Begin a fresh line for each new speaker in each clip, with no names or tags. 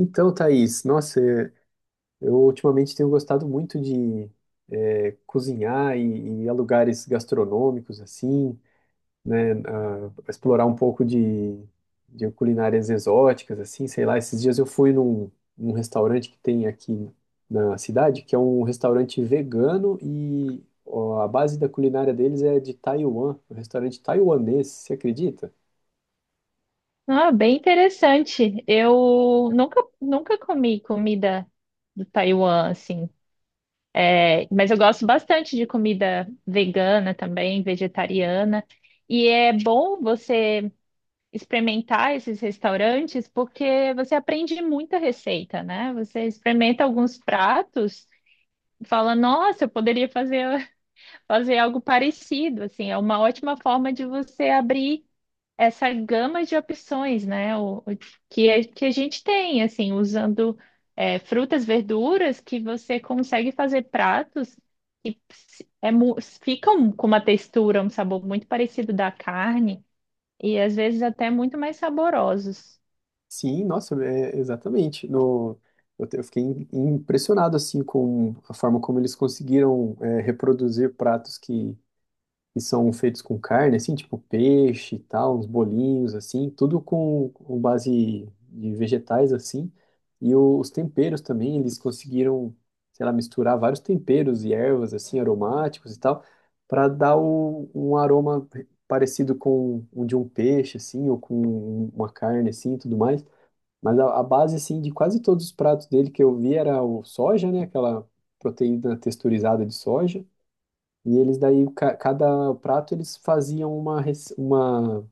Então, Thaís, nossa, eu ultimamente tenho gostado muito de cozinhar e ir a lugares gastronômicos, assim, né, explorar um pouco de culinárias exóticas, assim, sei lá. Esses dias eu fui num restaurante que tem aqui na cidade, que é um restaurante vegano e ó, a base da culinária deles é de Taiwan, um restaurante taiwanês, você acredita?
Ah, bem interessante. Eu nunca comi comida do Taiwan, assim. É, mas eu gosto bastante de comida vegana também, vegetariana. E é bom você experimentar esses restaurantes porque você aprende muita receita, né? Você experimenta alguns pratos e fala, nossa, eu poderia fazer, fazer algo parecido, assim. É uma ótima forma de você abrir essa gama de opções, né? Que a gente tem, assim, usando frutas, verduras, que você consegue fazer pratos que se- é mu- ficam com uma textura, um sabor muito parecido da carne e às vezes até muito mais saborosos.
Sim, nossa, é, exatamente. No, eu, te- Eu fiquei impressionado assim com a forma como eles conseguiram reproduzir pratos que são feitos com carne, assim, tipo peixe e tal, uns bolinhos assim, tudo com base de vegetais assim. Os temperos também, eles conseguiram, sei lá, misturar vários temperos e ervas assim aromáticos e tal, para dar um aroma parecido com o de um peixe assim, ou com uma carne assim, e tudo mais. Mas a base, assim, de quase todos os pratos dele que eu vi era o soja, né? Aquela proteína texturizada de soja. E eles daí, cada prato, eles faziam uma, rec-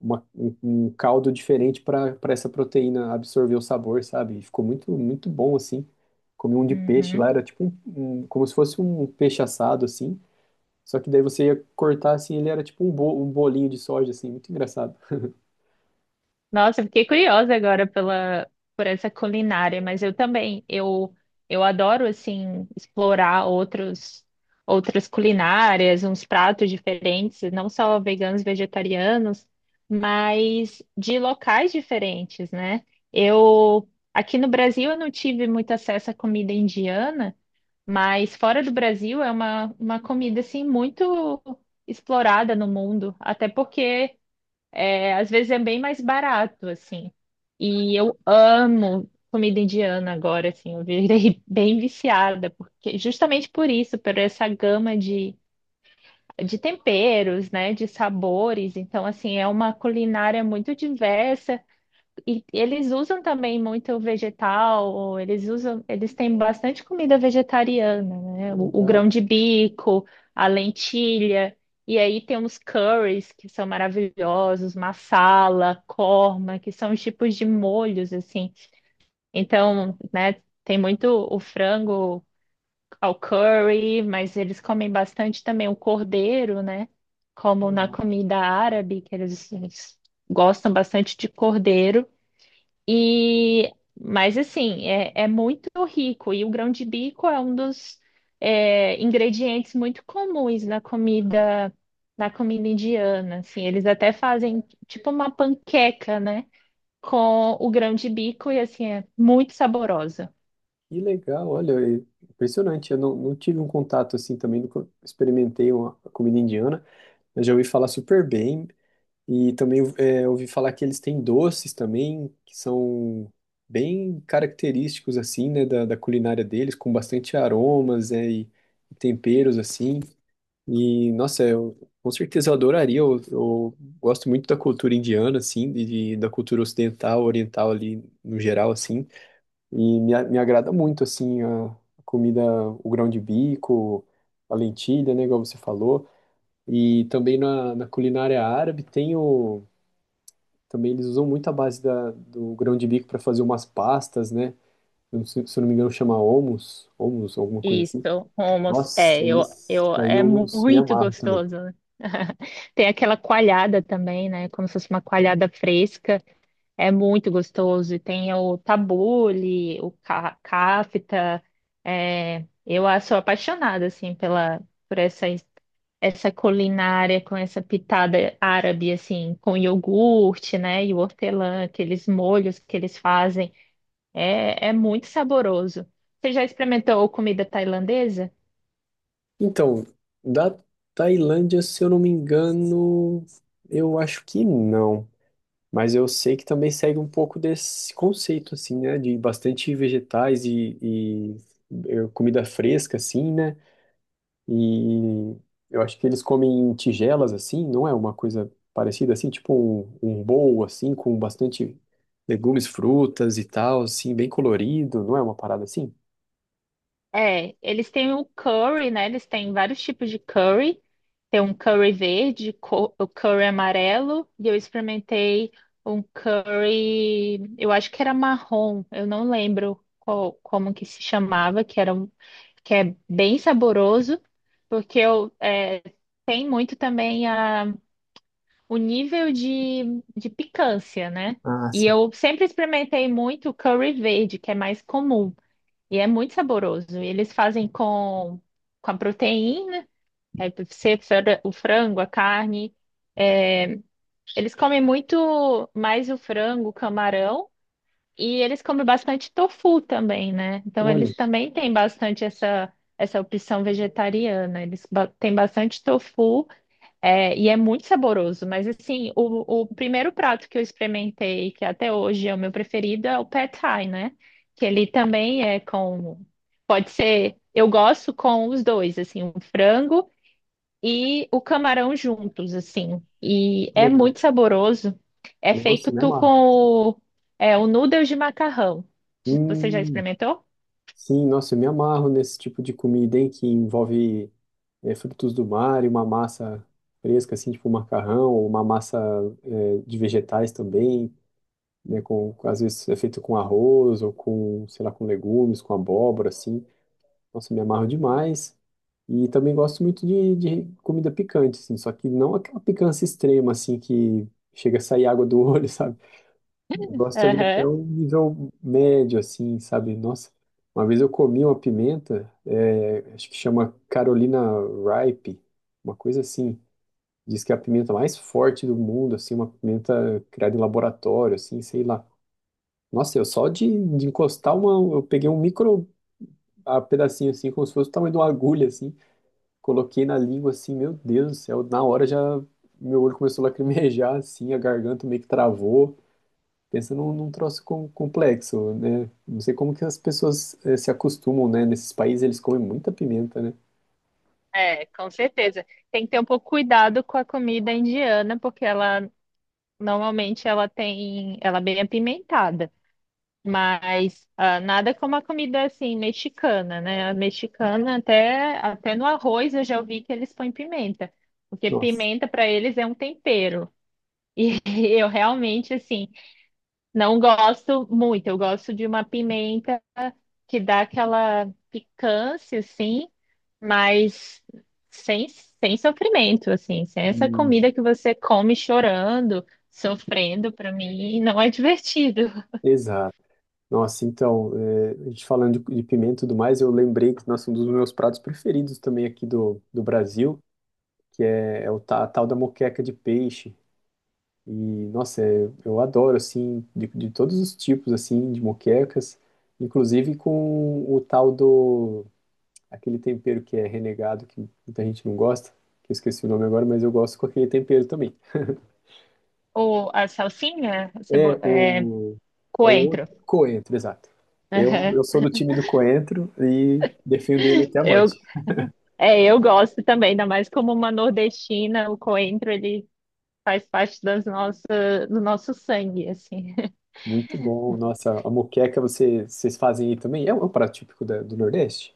uma- um um caldo diferente para essa proteína absorver o sabor, sabe? E ficou muito, muito bom, assim. Comi um de peixe lá,
Uhum.
era tipo como se fosse um peixe assado, assim. Só que daí você ia cortar, assim, ele era tipo um bolinho de soja, assim. Muito engraçado.
Nossa, eu fiquei curiosa agora por essa culinária, mas eu também, eu adoro, assim, explorar outras culinárias, uns pratos diferentes, não só veganos, vegetarianos, mas de locais diferentes, né? Eu, aqui no Brasil, eu não tive muito acesso à comida indiana, mas fora do Brasil é uma comida, assim, muito explorada no mundo, até porque... É, às vezes é bem mais barato, assim. E eu amo comida indiana agora, assim. Eu virei bem viciada, porque justamente por isso, por essa gama de temperos, né, de sabores. Então, assim, é uma culinária muito diversa e eles usam também muito vegetal, eles usam, eles têm bastante comida vegetariana,
Que
né? O
legal.
grão de bico, a lentilha, e aí tem uns curries que são maravilhosos, masala, korma, que são os tipos de molhos assim. Então, né, tem muito o frango ao curry, mas eles comem bastante também o cordeiro, né? Como na comida árabe, que eles gostam bastante de cordeiro. E, mas assim, é muito rico e o grão de bico é um dos ingredientes muito comuns na comida indiana. Assim, eles até fazem tipo uma panqueca, né, com o grão de bico e assim é muito saborosa.
Que legal, olha, é impressionante. Eu não, Não tive um contato assim também, nunca experimentei uma comida indiana, mas já ouvi falar super bem. E também é, ouvi falar que eles têm doces também, que são bem característicos assim, né, da culinária deles, com bastante aromas, né, e temperos assim. E, nossa, eu com certeza eu adoraria. Eu gosto muito da cultura indiana, assim, e da cultura ocidental, oriental ali no geral, assim. E me agrada muito, assim, a comida, o grão de bico, a lentilha, né, igual você falou. E também na culinária árabe tem o... Também eles usam muito a base do grão de bico para fazer umas pastas, né? Eu não sei- Se eu não me engano chama hummus, hummus, alguma coisa assim.
Isso, hummus,
Nossa,
é,
isso daí
é
eu me
muito
amarro também.
gostoso. Tem aquela coalhada também, né? Como se fosse uma coalhada fresca, é muito gostoso. E tem o tabule, o kafta. Sou apaixonada, assim, pela, por essa, essa culinária com essa pitada árabe, assim, com iogurte, né? E o hortelã, aqueles molhos que eles fazem. É, é muito saboroso. Você já experimentou comida tailandesa?
Então, da Tailândia, se eu não me engano, eu acho que não. Mas eu sei que também segue um pouco desse conceito, assim, né? De bastante vegetais e comida fresca, assim, né? E eu acho que eles comem em tigelas, assim, não é uma coisa parecida, assim, tipo um bowl, assim, com bastante legumes, frutas e tal, assim, bem colorido, não é uma parada assim?
É, eles têm o curry, né? Eles têm vários tipos de curry. Tem um curry verde, o curry amarelo, e eu experimentei um curry, eu acho que era marrom, eu não lembro como que se chamava, que é bem saboroso, porque tem muito também o nível de picância, né?
Ah,
E
sim.
eu sempre experimentei muito curry verde, que é mais comum, e é muito saboroso. E eles fazem com a proteína, aí deve ser o frango, a carne. Eles comem muito mais o frango, o camarão, e eles comem bastante tofu também, né? Então
Olha,
eles também têm bastante essa opção vegetariana. Têm bastante tofu. É, e é muito saboroso, mas assim, o primeiro prato que eu experimentei, que até hoje é o meu preferido, é o Pad Thai, né? Que ele também é com. Pode ser. Eu gosto com os dois, assim, o frango e o camarão juntos, assim. E
que
é
legal.
muito saboroso. É feito
Nossa, me
tu
amarro.
com o o noodle de macarrão. Você já
Hum,
experimentou?
Sim, nossa, eu me amarro nesse tipo de comida, hein, que envolve frutos do mar e uma massa fresca, assim, tipo um macarrão, ou uma massa de vegetais também, né, às vezes é feito com arroz ou com, sei lá, com legumes, com abóbora, assim. Nossa, me amarro demais. E também gosto muito de comida picante, assim, só que não aquela picância extrema, assim, que chega a sair água do olho, sabe? Eu gosto ali
Aham.
até um nível médio, assim, sabe? Nossa, uma vez eu comi uma pimenta, é, acho que chama Carolina Ripe, uma coisa assim. Diz que é a pimenta mais forte do mundo, assim, uma pimenta criada em laboratório, assim, sei lá. Nossa, eu só de encostar uma, eu peguei um micro a pedacinho, assim, como se fosse o tamanho de uma agulha, assim, coloquei na língua, assim, meu Deus do céu, na hora já meu olho começou a lacrimejar, assim, a garganta meio que travou. Pensa num troço complexo, né? Não sei como que as pessoas se acostumam, né? Nesses países eles comem muita pimenta, né?
É, com certeza. Tem que ter um pouco cuidado com a comida indiana, porque ela normalmente ela tem, ela é bem apimentada, mas ah, nada como a comida assim mexicana, né? A mexicana até no arroz eu já ouvi que eles põem pimenta, porque
Nossa.
pimenta para eles é um tempero. E eu realmente assim não gosto muito. Eu gosto de uma pimenta que dá aquela picância, assim, mas sem sofrimento, assim, sem essa
Isso.
comida que você come chorando, sofrendo, para mim não é divertido.
Exato. Nossa, então, a gente falando de pimenta e tudo mais, eu lembrei que, nossa, um dos meus pratos preferidos também aqui do Brasil é o a tal da moqueca de peixe. E, nossa, é- eu adoro, assim, de todos os tipos, assim, de moquecas, inclusive com o tal do aquele tempero que é renegado, que muita gente não gosta, que eu esqueci o nome agora, mas eu gosto com aquele tempero também.
Ou a salsinha,
É o, É o outro
coentro.
coentro, exato.
Aham.
Eu sou do time do coentro e defendo ele até a
Eu,
morte.
eu gosto também, ainda mais como uma nordestina, o coentro, ele faz parte do nosso sangue, assim.
Muito bom. Nossa, a moqueca você, vocês fazem aí também? É um prato típico do Nordeste?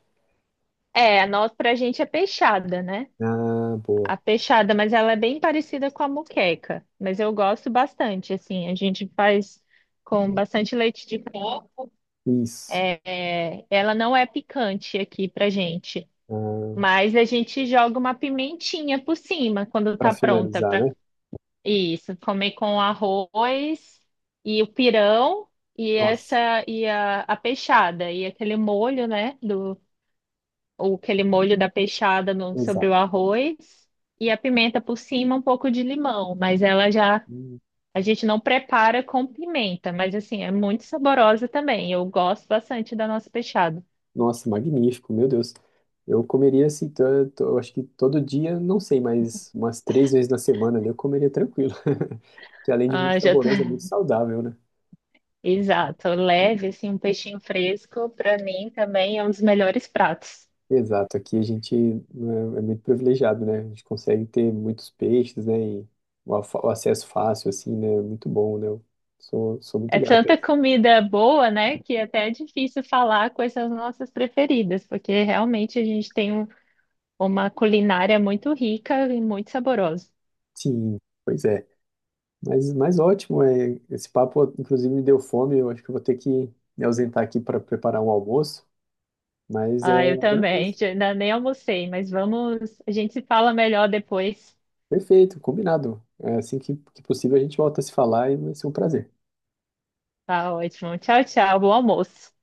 É, a nossa, pra gente é peixada, né?
Ah, boa.
A peixada, mas ela é bem parecida com a moqueca. Mas eu gosto bastante, assim. A gente faz com bastante leite de coco.
Isso.
É, ela não é picante aqui pra gente.
Ah,
Mas a gente joga uma pimentinha por cima quando
para
tá pronta
finalizar,
para
né?
isso. Comer com arroz e o pirão e
Nossa,
a peixada e aquele molho, né, o aquele molho da peixada no, sobre o
exato.
arroz e a pimenta por cima, um pouco de limão, mas ela já
Hum.
a gente não prepara com pimenta, mas assim, é muito saborosa também. Eu gosto bastante da nossa peixada.
Nossa, magnífico, meu Deus. Eu comeria assim, eu acho que todo dia, não sei, mas umas três vezes na semana ali eu comeria tranquilo. Que além de muito
Ah, já tá...
saboroso, é muito saudável, né?
Exato, leve assim um peixinho fresco para mim também é um dos melhores pratos.
Exato, aqui a gente né, é muito privilegiado, né? A gente consegue ter muitos peixes, né? E o acesso fácil, assim, né? É muito bom, né? Eu sou muito
É
grato a
tanta
isso.
comida boa, né, que até é difícil falar quais são as nossas preferidas, porque realmente a gente tem uma culinária muito rica e muito saborosa.
Sim, pois é. Mas ótimo, é. Esse papo, inclusive, me deu fome. Eu acho que eu vou ter que me ausentar aqui para preparar um almoço. Mas é,
Ah, eu também.
agradeço.
Já- Ainda nem almocei, mas vamos. A gente se fala melhor depois.
Perfeito, combinado. É, assim que possível a gente volta a se falar e vai ser um prazer.
Tá ótimo. Tchau, tchau. Bom almoço.